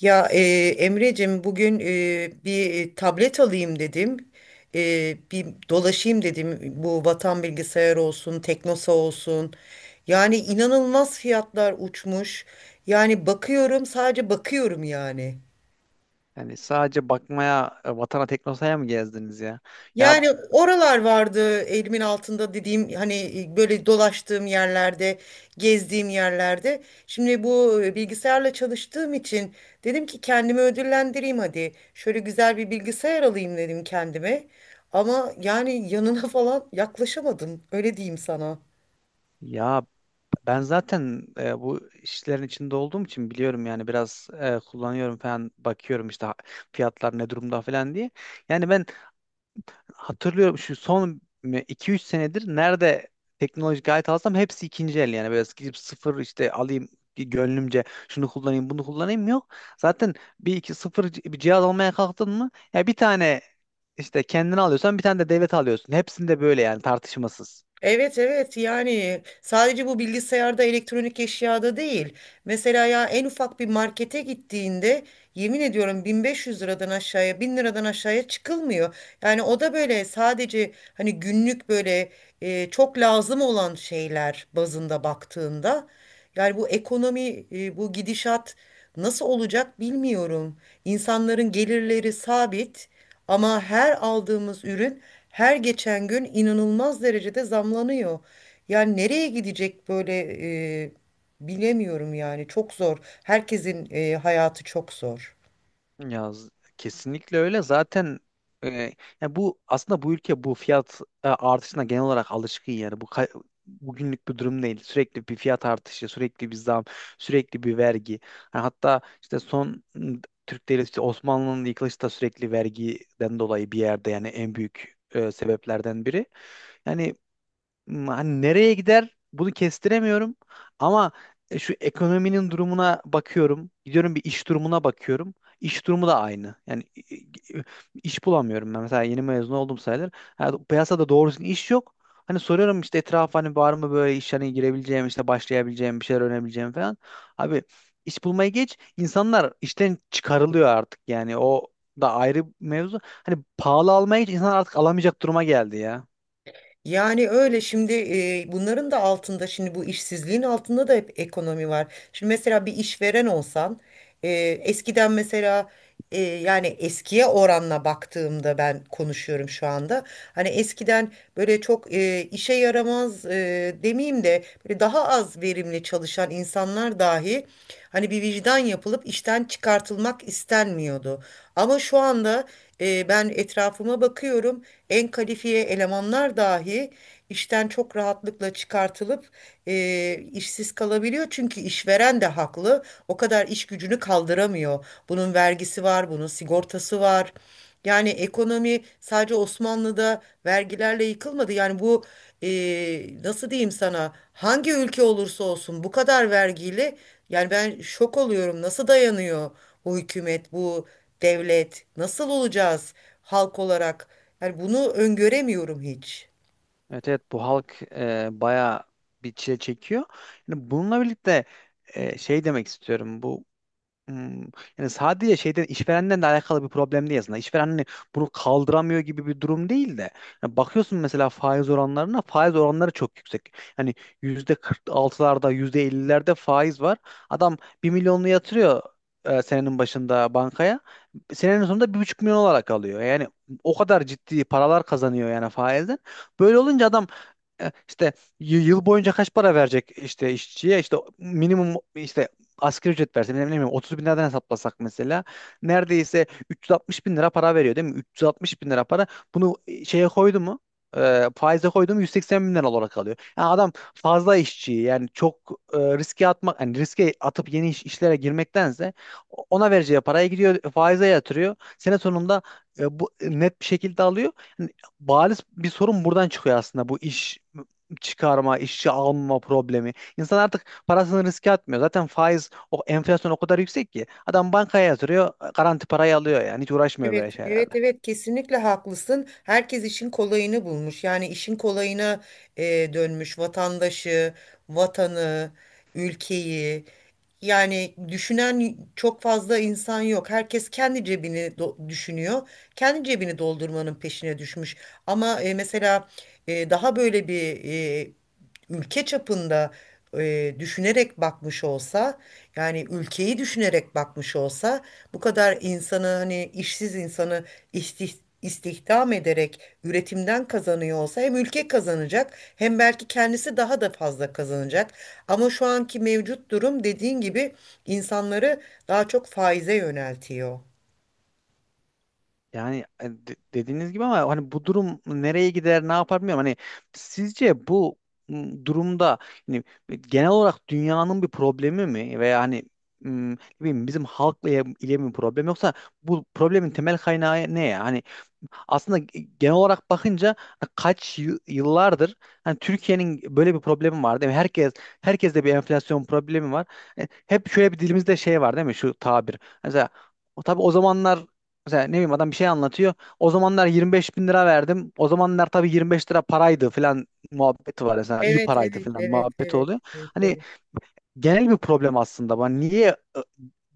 Ya e, Emre'cim bugün bir tablet alayım dedim. Bir dolaşayım dedim. Bu Vatan Bilgisayar olsun, Teknosa olsun. Yani inanılmaz fiyatlar uçmuş. Yani bakıyorum, sadece bakıyorum yani. Yani sadece bakmaya Vatana Teknosa'ya mı gezdiniz ya? Ya Yani oralar vardı elimin altında dediğim, hani böyle dolaştığım yerlerde, gezdiğim yerlerde. Şimdi bu bilgisayarla çalıştığım için dedim ki kendimi ödüllendireyim hadi. Şöyle güzel bir bilgisayar alayım dedim kendime. Ama yani yanına falan yaklaşamadım. Öyle diyeyim sana. ya ben zaten bu işlerin içinde olduğum için biliyorum yani biraz kullanıyorum falan bakıyorum işte fiyatlar ne durumda falan diye. Yani ben hatırlıyorum şu son iki üç senedir nerede teknolojik alet alsam hepsi ikinci el yani böyle gidip sıfır işte alayım gönlümce şunu kullanayım bunu kullanayım yok. Zaten bir iki sıfır bir cihaz almaya kalktın mı ya bir tane işte kendini alıyorsan bir tane de devlet alıyorsun. Hepsinde böyle yani tartışmasız. Evet, evet, yani sadece bu bilgisayarda, elektronik eşyada değil. Mesela ya en ufak bir markete gittiğinde yemin ediyorum 1500 liradan aşağıya, 1000 liradan aşağıya çıkılmıyor. Yani o da böyle sadece hani günlük böyle çok lazım olan şeyler bazında baktığında. Yani bu ekonomi, bu gidişat nasıl olacak bilmiyorum. İnsanların gelirleri sabit. Ama her aldığımız ürün her geçen gün inanılmaz derecede zamlanıyor. Yani nereye gidecek böyle, e, bilemiyorum yani, çok zor. Herkesin hayatı çok zor. Ya kesinlikle öyle. Zaten e, ya bu aslında bu ülke bu fiyat artışına genel olarak alışkın yani. Bugünlük bir durum değil. Sürekli bir fiyat artışı, sürekli bir zam, sürekli bir vergi. Ha, hatta işte son Türk devleti işte Osmanlı'nın yıkılışı da sürekli vergiden dolayı bir yerde yani en büyük sebeplerden biri. Yani hani nereye gider bunu kestiremiyorum. Ama şu ekonominin durumuna bakıyorum. Gidiyorum bir iş durumuna bakıyorum. İş durumu da aynı. Yani i- iş bulamıyorum ben. Mesela yeni mezun oldum sayılır. Ha, piyasada doğru düzgün iş yok. Hani soruyorum işte etrafa hani var mı böyle iş hani girebileceğim işte başlayabileceğim bir şeyler öğrenebileceğim falan. Abi iş bulmaya geç, İnsanlar işten çıkarılıyor artık, yani o da ayrı mevzu. Hani pahalı almaya geç, insan artık alamayacak duruma geldi ya. Yani öyle şimdi, bunların da altında, şimdi bu işsizliğin altında da hep ekonomi var. Şimdi mesela bir işveren olsan, e, eskiden mesela, yani eskiye oranla baktığımda ben konuşuyorum şu anda. Hani eskiden böyle çok işe yaramaz, demeyeyim de böyle daha az verimli çalışan insanlar dahi hani bir vicdan yapılıp işten çıkartılmak istenmiyordu. Ama şu anda ben etrafıma bakıyorum, en kalifiye elemanlar dahi işten çok rahatlıkla çıkartılıp işsiz kalabiliyor. Çünkü işveren de haklı. O kadar iş gücünü kaldıramıyor. Bunun vergisi var, bunun sigortası var. Yani ekonomi sadece Osmanlı'da vergilerle yıkılmadı. Yani bu, e, nasıl diyeyim sana, hangi ülke olursa olsun bu kadar vergiyle, yani ben şok oluyorum, nasıl dayanıyor bu hükümet, bu devlet? Nasıl olacağız halk olarak? Yani bunu öngöremiyorum hiç. Evet, evet, bu halk bayağı bir çile çekiyor. Yani bununla birlikte şey demek istiyorum, bu hmm, yani sadece şeyden, işverenden de alakalı bir problem değil aslında. İşveren hani bunu kaldıramıyor gibi bir durum değil de yani bakıyorsun mesela faiz oranlarına, faiz oranları çok yüksek. Hani yüzde 46'larda, yüzde 50'lerde faiz var. Adam bir milyonlu yatırıyor senenin başında bankaya. Senenin sonunda 1,5 milyon olarak alıyor. Yani o kadar ciddi paralar kazanıyor yani faizden. Böyle olunca adam işte yıl boyunca kaç para verecek işte işçiye, işte minimum, işte asgari ücret verse, ne bileyim 30 bin liradan hesaplasak mesela neredeyse 360 bin lira para veriyor değil mi? 360 bin lira para bunu şeye koydu mu, faize koydu mu 180 bin lira olarak alıyor. Yani adam fazla işçiyi, yani çok riske atmak, yani riske atıp yeni işlere girmektense ona vereceği paraya gidiyor, faize yatırıyor. Sene sonunda bu net bir şekilde alıyor. Bariz bir sorun buradan çıkıyor aslında, bu iş çıkarma, işçi alma problemi. İnsan artık parasını riske atmıyor. Zaten faiz, o enflasyon o kadar yüksek ki adam bankaya yatırıyor, garanti parayı alıyor, yani hiç uğraşmıyor böyle Evet, evet, şeylerle. evet, kesinlikle haklısın. Herkes işin kolayını bulmuş. Yani işin kolayına e, dönmüş vatandaşı, vatanı, ülkeyi. Yani düşünen çok fazla insan yok. Herkes kendi cebini düşünüyor. Kendi cebini doldurmanın peşine düşmüş. Ama mesela daha böyle bir, ülke çapında düşünerek bakmış olsa, yani ülkeyi düşünerek bakmış olsa, bu kadar insanı, hani işsiz insanı istih- istihdam ederek üretimden kazanıyor olsa, hem ülke kazanacak hem belki kendisi daha da fazla kazanacak. Ama şu anki mevcut durum, dediğin gibi, insanları daha çok faize yöneltiyor. Yani dediğiniz gibi, ama hani bu durum nereye gider, ne yapar bilmiyorum. Hani sizce bu durumda hani genel olarak dünyanın bir problemi mi, veya hani ne bileyim bizim halkla ile mi problem, yoksa bu problemin temel kaynağı ne ya? Hani aslında genel olarak bakınca kaç yıllardır hani Türkiye'nin böyle bir problemi var değil mi? Herkeste bir enflasyon problemi var. Hep şöyle bir dilimizde şey var değil mi? Şu tabir. Mesela o, tabii o zamanlar, mesela ne bileyim adam bir şey anlatıyor. "O zamanlar 25 bin lira verdim. O zamanlar tabii 25 lira paraydı" falan muhabbeti var mesela. İyi Evet, paraydı evet, falan evet, muhabbeti evet, oluyor. evet, Hani evet. genel bir problem aslında. Bana niye e,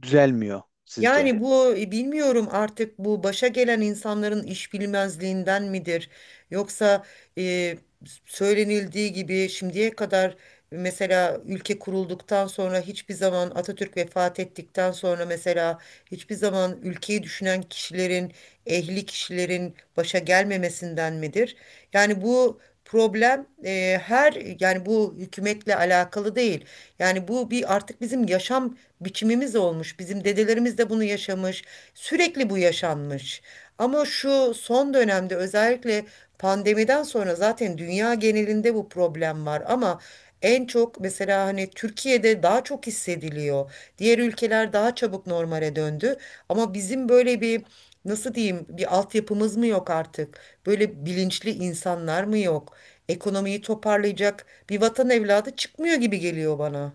düzelmiyor sizce? Yani bu, bilmiyorum, artık bu başa gelen insanların iş bilmezliğinden midir? Yoksa e, söylenildiği gibi şimdiye kadar, mesela ülke kurulduktan sonra, hiçbir zaman Atatürk vefat ettikten sonra mesela hiçbir zaman ülkeyi düşünen kişilerin, ehli kişilerin başa gelmemesinden midir? Yani bu problem her, yani bu hükümetle alakalı değil. Yani bu bir, artık bizim yaşam biçimimiz olmuş. Bizim dedelerimiz de bunu yaşamış. Sürekli bu yaşanmış. Ama şu son dönemde, özellikle pandemiden sonra zaten dünya genelinde bu problem var, ama en çok mesela hani Türkiye'de daha çok hissediliyor. Diğer ülkeler daha çabuk normale döndü ama bizim böyle bir, nasıl diyeyim, bir altyapımız mı yok artık? Böyle bilinçli insanlar mı yok? Ekonomiyi toparlayacak bir vatan evladı çıkmıyor gibi geliyor bana.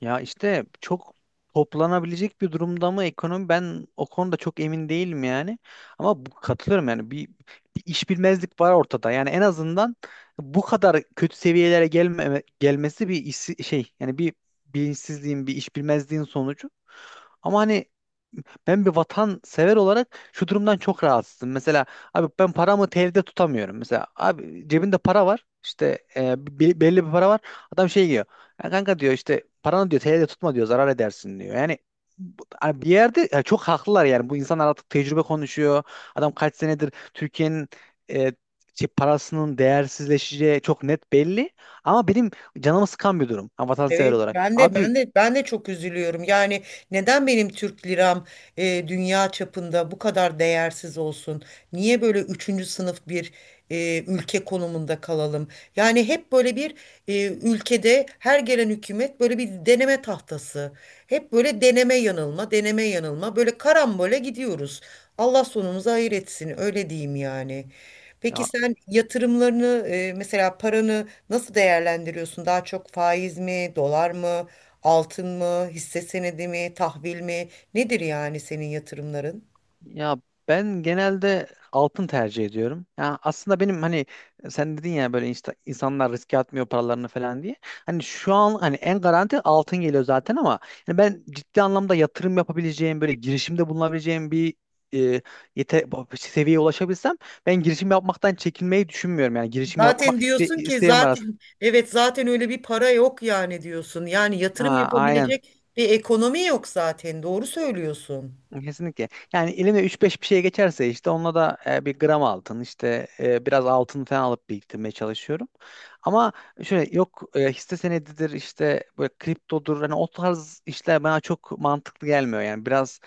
Ya işte çok, toplanabilecek bir durumda mı ekonomi, ben o konuda çok emin değilim yani. Ama bu, katılıyorum yani, bir iş bilmezlik var ortada. Yani en azından bu kadar kötü seviyelere gelmesi bir iş, şey yani bir bilinçsizliğin, bir iş bilmezliğin sonucu. Ama hani ben bir vatansever olarak şu durumdan çok rahatsızım. Mesela abi ben paramı TL'de tutamıyorum. Mesela abi cebinde para var. İşte belli bir para var. Adam şey diyor. "Ya kanka, diyor, işte paranı, diyor, TL'de tutma, diyor, zarar edersin, diyor." Yani hani bir yerde ya çok haklılar, yani bu insanlar artık tecrübe konuşuyor. Adam kaç senedir Türkiye'nin e, parasının değersizleşeceği çok net belli. Ama benim canımı sıkan bir durum, vatansever Evet, olarak. ben de Abi. ben de ben de çok üzülüyorum. Yani neden benim Türk liram dünya çapında bu kadar değersiz olsun? Niye böyle üçüncü sınıf bir ülke konumunda kalalım? Yani hep böyle bir, ülkede her gelen hükümet böyle bir deneme tahtası. Hep böyle deneme yanılma, deneme yanılma. Böyle karambole gidiyoruz. Allah sonumuzu hayır etsin, öyle diyeyim yani. Peki sen yatırımlarını, mesela paranı nasıl değerlendiriyorsun? Daha çok faiz mi, dolar mı, altın mı, hisse senedi mi, tahvil mi? Nedir yani senin yatırımların? Ya ben genelde altın tercih ediyorum. Ya aslında benim hani, sen dedin ya böyle, insanlar riske atmıyor paralarını falan diye. Hani şu an hani en garanti altın geliyor zaten ama, yani ben ciddi anlamda yatırım yapabileceğim, böyle girişimde bulunabileceğim bir e, yete seviyeye ulaşabilsem, ben girişim yapmaktan, çekinmeyi düşünmüyorum. Yani girişim Zaten yapmak diyorsun ki isteğim var aslında. zaten evet zaten öyle bir para yok yani diyorsun. Yani yatırım Ha, aynen. yapabilecek bir ekonomi yok zaten. Doğru söylüyorsun. Kesinlikle. Yani eline üç beş bir şey geçerse, işte onunla da bir gram altın, işte biraz altın falan alıp biriktirmeye çalışıyorum. Ama şöyle yok hisse senedidir, işte böyle kriptodur, hani o tarz işler bana çok mantıklı gelmiyor, yani biraz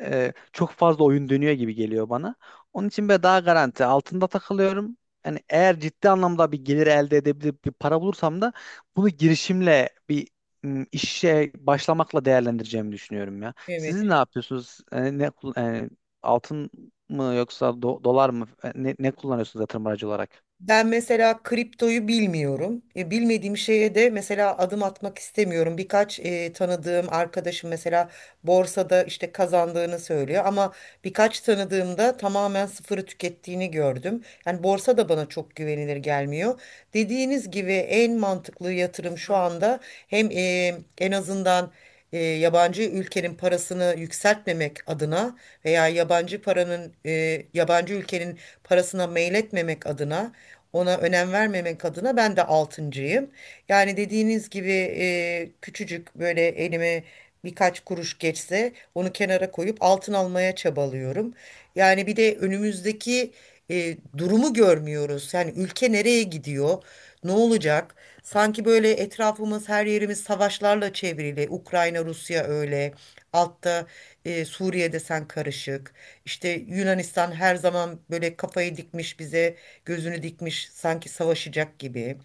çok fazla oyun dönüyor gibi geliyor bana. Onun için böyle daha garanti altında takılıyorum. Yani eğer ciddi anlamda bir gelir elde edebilip bir para bulursam da, bunu girişimle, bir işe başlamakla değerlendireceğimi düşünüyorum ya. Siz ne Evet. yapıyorsunuz? Altın mı, yoksa dolar mı? Ne kullanıyorsunuz yatırım aracı olarak? Ben mesela kriptoyu bilmiyorum. E, bilmediğim şeye de mesela adım atmak istemiyorum. Birkaç tanıdığım arkadaşım mesela borsada işte kazandığını söylüyor, ama birkaç tanıdığımda tamamen sıfırı tükettiğini gördüm. Yani borsa da bana çok güvenilir gelmiyor. Dediğiniz gibi en mantıklı yatırım şu anda, hem en azından yabancı ülkenin parasını yükseltmemek adına, veya yabancı paranın yabancı ülkenin parasına meyletmemek adına, ona önem vermemek adına, ben de altıncıyım. Yani dediğiniz gibi küçücük böyle elime birkaç kuruş geçse, onu kenara koyup altın almaya çabalıyorum. Yani bir de önümüzdeki durumu görmüyoruz. Yani ülke nereye gidiyor? Ne olacak? Sanki böyle etrafımız, her yerimiz savaşlarla çevrili. Ukrayna, Rusya öyle. Altta Suriye'de sen karışık. İşte Yunanistan her zaman böyle kafayı dikmiş bize, gözünü dikmiş sanki savaşacak gibi.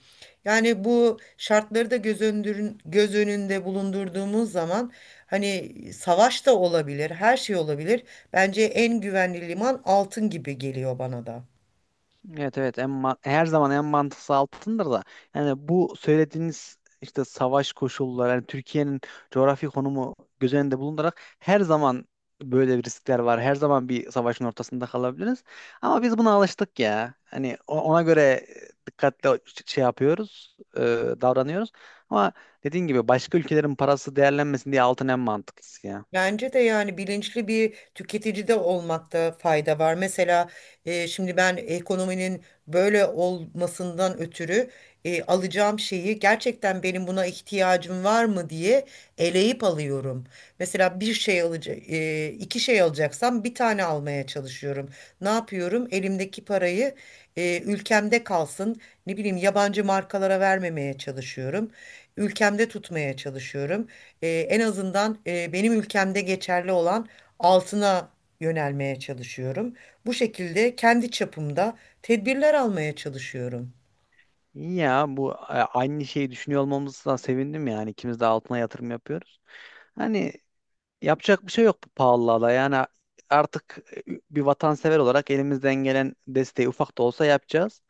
Yani bu şartları da göz önünde bulundurduğumuz zaman hani savaş da olabilir, her şey olabilir. Bence en güvenli liman altın gibi geliyor bana da. Evet, evet, en her zaman en mantıklı altındır da, yani bu söylediğiniz işte savaş koşulları, yani Türkiye'nin coğrafi konumu göz önünde bulundurarak her zaman böyle bir riskler var. Her zaman bir savaşın ortasında kalabiliriz. Ama biz buna alıştık ya. Hani ona göre dikkatli şey yapıyoruz, davranıyoruz. Ama dediğin gibi başka ülkelerin parası değerlenmesin diye, altın en mantıklısı ya. Bence de yani bilinçli bir tüketici de olmakta fayda var. Mesela şimdi ben ekonominin böyle olmasından ötürü alacağım şeyi gerçekten benim buna ihtiyacım var mı diye eleyip alıyorum. Mesela bir şey alacak, iki şey alacaksam bir tane almaya çalışıyorum. Ne yapıyorum? Elimdeki parayı ülkemde kalsın. Ne bileyim, yabancı markalara vermemeye çalışıyorum. Ülkemde tutmaya çalışıyorum, en azından benim ülkemde geçerli olan altına yönelmeye çalışıyorum. Bu şekilde kendi çapımda tedbirler almaya çalışıyorum. İyi ya, bu aynı şeyi düşünüyor olmamızdan sevindim, yani ikimiz de altına yatırım yapıyoruz. Hani yapacak bir şey yok bu pahalılığa da. Yani artık bir vatansever olarak elimizden gelen desteği, ufak da olsa, yapacağız.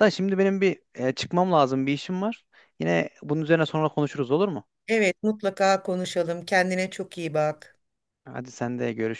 Da şimdi benim bir çıkmam lazım, bir işim var. Yine bunun üzerine sonra konuşuruz, olur mu? Evet, mutlaka konuşalım. Kendine çok iyi bak. Hadi, sen de görüşürüz.